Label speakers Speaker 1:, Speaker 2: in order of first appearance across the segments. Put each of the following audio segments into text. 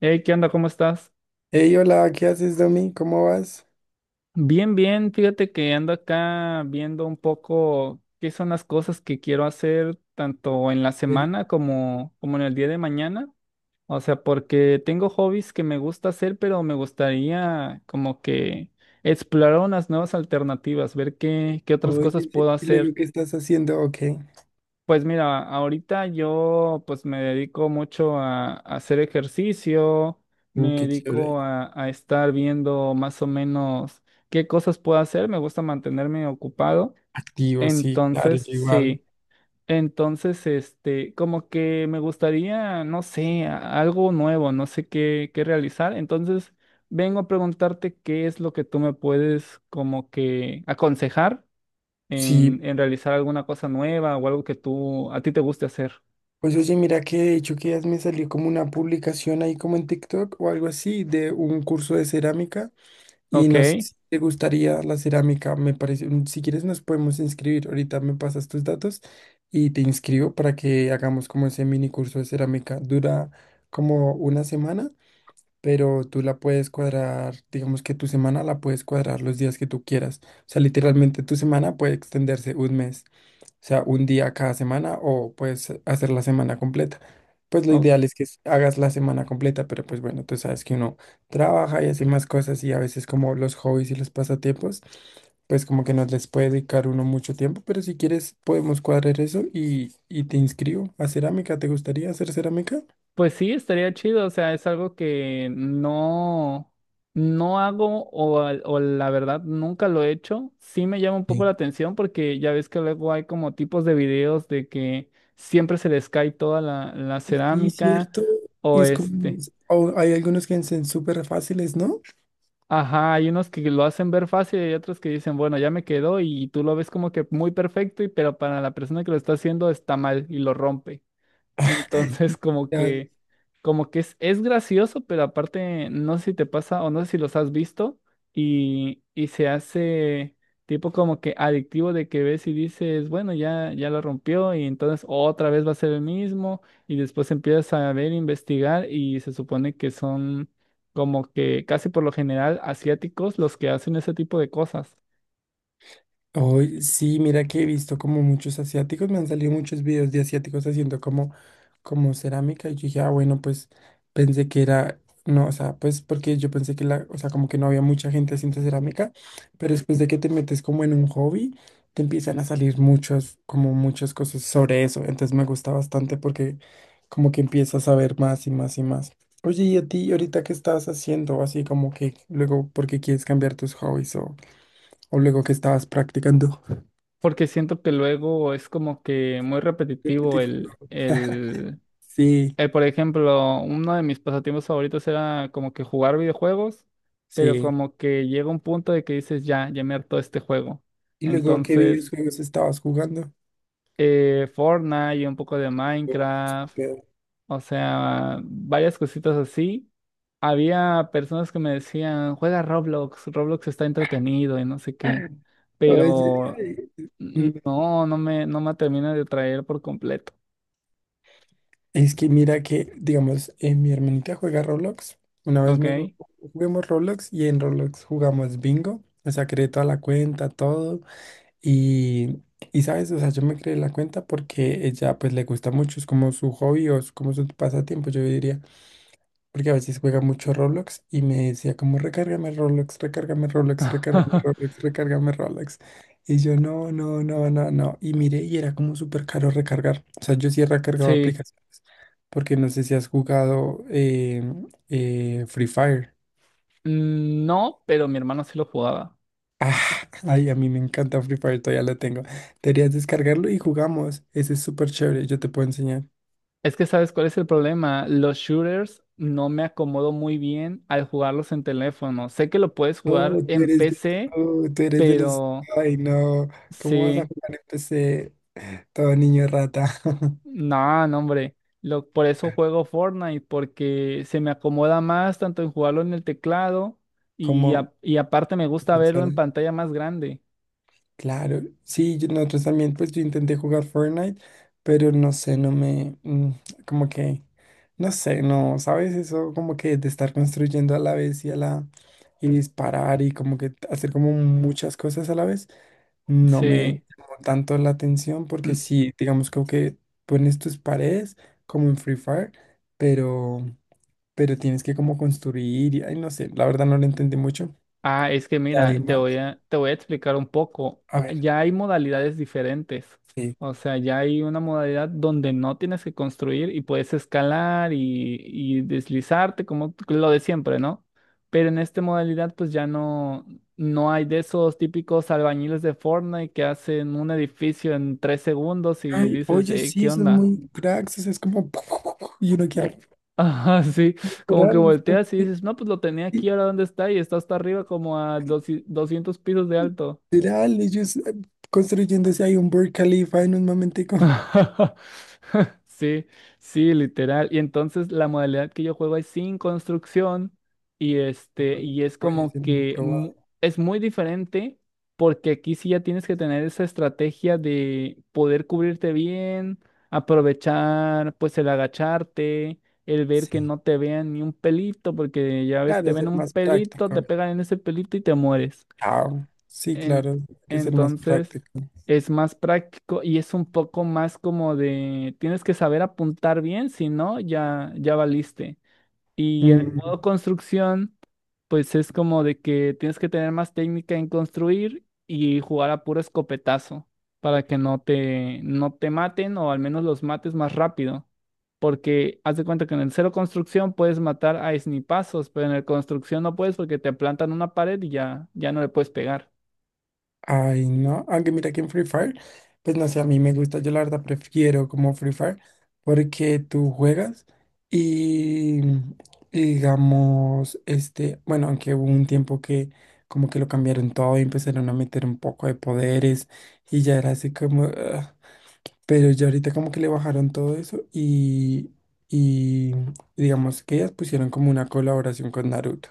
Speaker 1: Hey, ¿qué onda? ¿Cómo estás?
Speaker 2: Hey, hola, ¿qué haces, Domi? ¿Cómo vas?
Speaker 1: Bien, bien. Fíjate que ando acá viendo un poco qué son las cosas que quiero hacer tanto en la
Speaker 2: Serio?
Speaker 1: semana como en el día de mañana. O sea, porque tengo hobbies que me gusta hacer, pero me gustaría como que explorar unas nuevas alternativas, ver qué otras
Speaker 2: Oye,
Speaker 1: cosas
Speaker 2: sí, sí,
Speaker 1: puedo
Speaker 2: lo
Speaker 1: hacer.
Speaker 2: veo que estás haciendo, ok.
Speaker 1: Pues mira, ahorita yo pues me dedico mucho a hacer ejercicio, me
Speaker 2: Qué chévere.
Speaker 1: dedico a estar viendo más o menos qué cosas puedo hacer, me gusta mantenerme ocupado,
Speaker 2: Activo, sí, claro,
Speaker 1: entonces
Speaker 2: yo igual.
Speaker 1: sí, entonces este, como que me gustaría, no sé, algo nuevo, no sé qué, qué realizar, entonces vengo a preguntarte qué es lo que tú me puedes como que aconsejar
Speaker 2: Sí,
Speaker 1: en realizar alguna cosa nueva o algo que tú a ti te guste hacer.
Speaker 2: pues oye, mira que de hecho que ya me salió como una publicación ahí como en TikTok o algo así de un curso de cerámica y
Speaker 1: Ok,
Speaker 2: no sé si te gustaría la cerámica, me parece, si quieres nos podemos inscribir, ahorita me pasas tus datos y te inscribo para que hagamos como ese mini curso de cerámica. Dura como una semana. Pero tú la puedes cuadrar, digamos que tu semana la puedes cuadrar los días que tú quieras. O sea, literalmente tu semana puede extenderse un mes, o sea, un día cada semana o puedes hacer la semana completa. Pues lo
Speaker 1: o-
Speaker 2: ideal es que hagas la semana completa, pero pues bueno, tú sabes que uno trabaja y hace más cosas y a veces como los hobbies y los pasatiempos, pues como que no les puede dedicar uno mucho tiempo, pero si quieres podemos cuadrar eso y te inscribo a cerámica. ¿Te gustaría hacer cerámica?
Speaker 1: pues sí, estaría chido, o sea, es algo que no, no hago o, o la verdad nunca lo he hecho. Sí me llama un poco la atención porque ya ves que luego hay como tipos de videos de que siempre se les cae toda la
Speaker 2: Y sí, cierto.
Speaker 1: cerámica
Speaker 2: Y
Speaker 1: o
Speaker 2: es como,
Speaker 1: este.
Speaker 2: o hay algunos que son súper fáciles, ¿no?
Speaker 1: Ajá, hay unos que lo hacen ver fácil y otros que dicen, bueno, ya me quedó y tú lo ves como que muy perfecto, y pero para la persona que lo está haciendo está mal y lo rompe. Entonces,
Speaker 2: Ya,
Speaker 1: como que es gracioso, pero aparte, no sé si te pasa o no sé si los has visto y se hace tipo como que adictivo de que ves y dices, bueno, ya, ya lo rompió y entonces otra vez va a ser el mismo y después empiezas a ver, investigar y se supone que son como que casi por lo general asiáticos los que hacen ese tipo de cosas.
Speaker 2: hoy sí, mira que he visto como muchos asiáticos, me han salido muchos videos de asiáticos haciendo como, como cerámica y yo dije, ah, bueno, pues pensé que era, no, o sea, pues porque yo pensé que la, o sea, como que no había mucha gente haciendo cerámica, pero después de que te metes como en un hobby, te empiezan a salir muchas, como muchas cosas sobre eso, entonces me gusta bastante porque como que empiezas a ver más y más y más. Oye, ¿y a ti ahorita qué estás haciendo? Así como que luego, ¿por qué quieres cambiar tus hobbies o luego qué estabas practicando?
Speaker 1: Porque siento que luego es como que muy repetitivo
Speaker 2: Repetitivo. Sí,
Speaker 1: eh, por ejemplo, uno de mis pasatiempos favoritos era como que jugar videojuegos, pero
Speaker 2: sí.
Speaker 1: como que llega un punto de que dices, ya, ya me hartó este juego.
Speaker 2: Y luego, ¿qué
Speaker 1: Entonces,
Speaker 2: videojuegos estabas jugando?
Speaker 1: Fortnite y un poco de Minecraft, o sea, varias cositas así. Había personas que me decían, juega Roblox, Roblox está entretenido y no sé qué, pero
Speaker 2: Oye, mm,
Speaker 1: no me termina de atraer por completo,
Speaker 2: es que mira que, digamos, mi hermanita juega Roblox. Una vez me dijo,
Speaker 1: ¿ok?
Speaker 2: juguemos Roblox y en Roblox jugamos bingo. O sea, creé toda la cuenta, todo. Y, y sabes, o sea, yo me creé la cuenta porque ella pues le gusta mucho, es como su hobby o es como su pasatiempo, yo diría. Porque a veces juega mucho Roblox y me decía como recárgame Roblox, recárgame Roblox, recárgame Roblox, recárgame Roblox. Y yo no, no, no, no, no. Y miré y era como súper caro recargar. O sea, yo sí he recargado
Speaker 1: Sí.
Speaker 2: aplicaciones. Porque no sé si has jugado Free Fire.
Speaker 1: Mm, no, pero mi hermano sí lo jugaba.
Speaker 2: Ah, ay, a mí me encanta Free Fire, todavía lo tengo. Deberías descargarlo y jugamos. Ese es súper chévere, yo te puedo enseñar.
Speaker 1: Es que sabes cuál es el problema. Los shooters no me acomodo muy bien al jugarlos en teléfono. Sé que lo puedes
Speaker 2: Oh,
Speaker 1: jugar
Speaker 2: tú
Speaker 1: en
Speaker 2: eres de,
Speaker 1: PC,
Speaker 2: oh, tú eres de los...
Speaker 1: pero
Speaker 2: Ay, no. ¿Cómo vas a
Speaker 1: sí.
Speaker 2: jugar en PC? Todo niño rata.
Speaker 1: No, no, hombre. Lo, por eso juego Fortnite, porque se me acomoda más tanto en jugarlo en el teclado y,
Speaker 2: Como,
Speaker 1: y aparte me gusta verlo en
Speaker 2: solo-
Speaker 1: pantalla más grande.
Speaker 2: claro. Sí, yo- nosotros también, pues yo intenté jugar Fortnite, pero no sé, no me, como que, no sé, no, ¿sabes? Eso como que de estar construyendo a la vez y a la, y disparar y como que hacer como muchas cosas a la vez, no me
Speaker 1: Sí.
Speaker 2: llamó tanto la atención porque sí, digamos como que pones tus paredes como en Free Fire, pero, pero tienes que como construir y, ay, no sé, la verdad no lo entendí mucho.
Speaker 1: Ah, es que
Speaker 2: Y
Speaker 1: mira,
Speaker 2: además,
Speaker 1: te voy a explicar un poco.
Speaker 2: a ver,
Speaker 1: Ya hay modalidades diferentes.
Speaker 2: sí.
Speaker 1: O sea, ya hay una modalidad donde no tienes que construir y puedes escalar y deslizarte como lo de siempre, ¿no? Pero en esta modalidad pues ya no, no hay de esos típicos albañiles de Fortnite que hacen un edificio en 3 segundos y
Speaker 2: Ay,
Speaker 1: dices:
Speaker 2: oye,
Speaker 1: "Ey, ¿qué
Speaker 2: sí, son
Speaker 1: onda?
Speaker 2: muy cracks, o sea, es como, y uno queda
Speaker 1: Ajá, sí, como que
Speaker 2: literal, esto,
Speaker 1: volteas y dices, no, pues lo tenía aquí, ahora dónde está y está hasta arriba como a 200 pisos de alto".
Speaker 2: literal, ellos construyéndose ahí un Burj Khalifa en un momentico.
Speaker 1: Sí, sí, literal. Y entonces la modalidad que yo juego es sin construcción y este, y es
Speaker 2: Oye, es
Speaker 1: como
Speaker 2: muy
Speaker 1: que
Speaker 2: probable.
Speaker 1: es muy diferente porque aquí sí ya tienes que tener esa estrategia de poder cubrirte bien, aprovechar pues el agacharte, el ver que
Speaker 2: Sí,
Speaker 1: no te vean ni un pelito, porque ya ves, te
Speaker 2: claro,
Speaker 1: ven
Speaker 2: ser
Speaker 1: un
Speaker 2: más
Speaker 1: pelito, te
Speaker 2: práctico.
Speaker 1: pegan en ese pelito y te mueres.
Speaker 2: Chao. Sí,
Speaker 1: En-
Speaker 2: claro, hay que ser más
Speaker 1: entonces,
Speaker 2: práctico.
Speaker 1: es más práctico y es un poco más como de, tienes que saber apuntar bien, si no, ya, ya valiste. Y en el
Speaker 2: Mm,
Speaker 1: modo construcción, pues es como de que tienes que tener más técnica en construir y jugar a puro escopetazo para que no te maten o al menos los mates más rápido. Porque haz de cuenta que en el cero construcción puedes matar a snipazos, pero en el construcción no puedes porque te plantan una pared y ya, ya no le puedes pegar.
Speaker 2: Ay, no, aunque mira que en Free Fire, pues no sé, a mí me gusta, yo la verdad prefiero como Free Fire porque tú juegas y, y digamos, este, bueno, aunque hubo un tiempo que como que lo cambiaron todo y empezaron a meter un poco de poderes y ya era así como, ah, pero ya ahorita como que le bajaron todo eso y digamos que ellas pusieron como una colaboración con Naruto.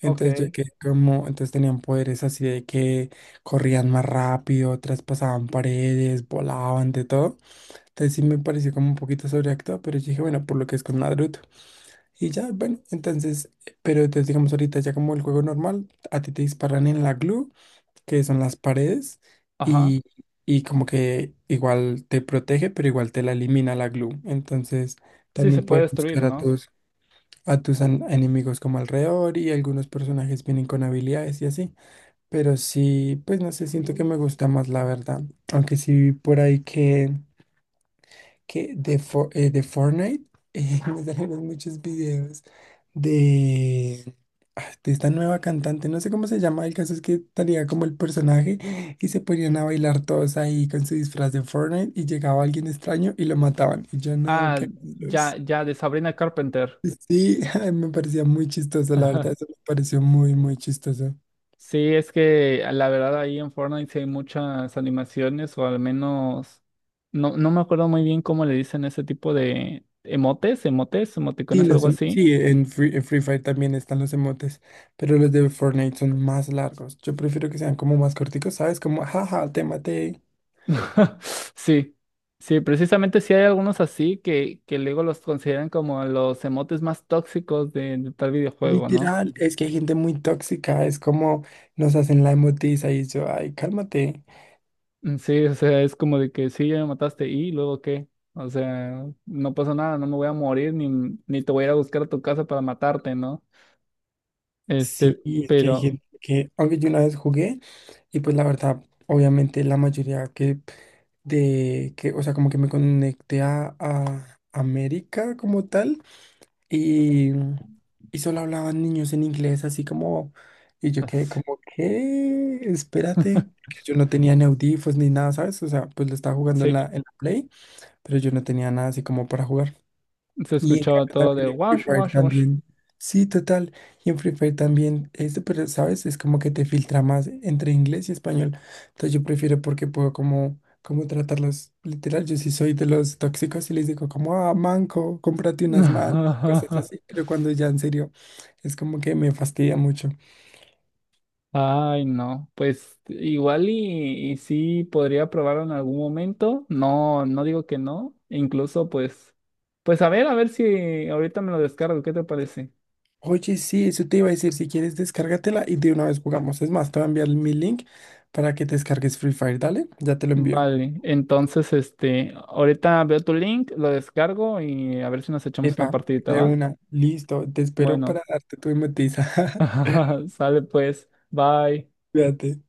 Speaker 2: Entonces yo
Speaker 1: Ok.
Speaker 2: que como, entonces tenían poderes así de que corrían más rápido, traspasaban paredes, volaban, de todo. Entonces sí me pareció como un poquito sobreactuado, pero yo dije, bueno, por lo que es con Naruto. Y ya, bueno, entonces, pero entonces digamos ahorita ya como el juego normal, a ti te disparan en la glue, que son las paredes,
Speaker 1: Ajá.
Speaker 2: y, y como que igual te protege, pero igual te la elimina la glue. Entonces
Speaker 1: Sí, se
Speaker 2: también
Speaker 1: puede
Speaker 2: puedes
Speaker 1: destruir,
Speaker 2: buscar a
Speaker 1: ¿no?
Speaker 2: todos a tus enemigos como alrededor y algunos personajes vienen con habilidades y así. Pero sí, pues no sé, siento que me gusta más la verdad. Aunque sí vi por ahí que de, de Fortnite me salieron muchos videos de, ah, de esta nueva cantante. No sé cómo se llama, el caso es que tenía como el personaje y se ponían a bailar todos ahí con su disfraz de Fortnite y llegaba alguien extraño y lo mataban. Y yo no,
Speaker 1: Ah,
Speaker 2: qué...
Speaker 1: ya, ya, de Sabrina Carpenter.
Speaker 2: Sí, ay, me parecía muy chistoso, la verdad,
Speaker 1: Ajá.
Speaker 2: eso me pareció muy, muy chistoso.
Speaker 1: Sí, es que ah, la verdad ahí en Fortnite sí hay muchas animaciones, o al menos, no, no me acuerdo muy bien cómo le dicen ese tipo de emotes, emotes,
Speaker 2: Sí,
Speaker 1: emoticones,
Speaker 2: los,
Speaker 1: algo así.
Speaker 2: sí, en en Free Fire también están los emotes, pero los de Fortnite son más largos. Yo prefiero que sean como más corticos, ¿sabes? Como, jaja, te maté.
Speaker 1: Sí, sí, precisamente sí hay algunos así que luego los consideran como los emotes más tóxicos de tal videojuego, ¿no?
Speaker 2: Literal, es que hay gente muy tóxica, es como nos hacen la emotiza y yo, ay, cálmate.
Speaker 1: Mm, sí, o sea, es como de que sí, ya me mataste y luego qué. O sea, no pasa nada, no me voy a morir ni, ni te voy a ir a buscar a tu casa para matarte, ¿no?
Speaker 2: Sí,
Speaker 1: Este,
Speaker 2: es que hay
Speaker 1: pero
Speaker 2: gente que, aunque yo una vez jugué. Y pues la verdad, obviamente la mayoría que de que, o sea, como que me conecté a América como tal y, y solo hablaban niños en inglés, así como, y yo quedé
Speaker 1: as-
Speaker 2: como, ¿qué? Espérate, porque yo no tenía ni audífonos ni nada, ¿sabes? O sea, pues lo estaba jugando
Speaker 1: sí,
Speaker 2: en la Play, pero yo no tenía nada así como para jugar.
Speaker 1: se
Speaker 2: Y en
Speaker 1: escuchaba
Speaker 2: cambio
Speaker 1: todo de
Speaker 2: también en Free
Speaker 1: wash,
Speaker 2: Fire
Speaker 1: wash, wash.
Speaker 2: también. Sí, total. Y en Free Fire también, este, pero sabes, es como que te filtra más entre inglés y español. Entonces yo prefiero porque puedo como, como tratarlos literal. Yo sí soy de los tóxicos y les digo como, ah, manco, cómprate unas manos, cosas así. Pero cuando ya en serio, es como que me fastidia mucho.
Speaker 1: Ay, no, pues igual y sí podría probarlo en algún momento. No, no digo que no. Incluso pues, pues a ver si ahorita me lo descargo, ¿qué te parece?
Speaker 2: Oye, sí, eso te iba a decir, si quieres descárgatela y de una vez jugamos. Es más, te voy a enviar mi link para que te descargues Free Fire, dale, ya te lo envío.
Speaker 1: Vale, entonces, este, ahorita veo tu link, lo descargo y a ver si nos echamos una
Speaker 2: Epa,
Speaker 1: partidita,
Speaker 2: de
Speaker 1: ¿va?
Speaker 2: una, listo, te espero para
Speaker 1: Bueno,
Speaker 2: darte tu hipnotiza.
Speaker 1: sale pues, bye.
Speaker 2: Cuídate.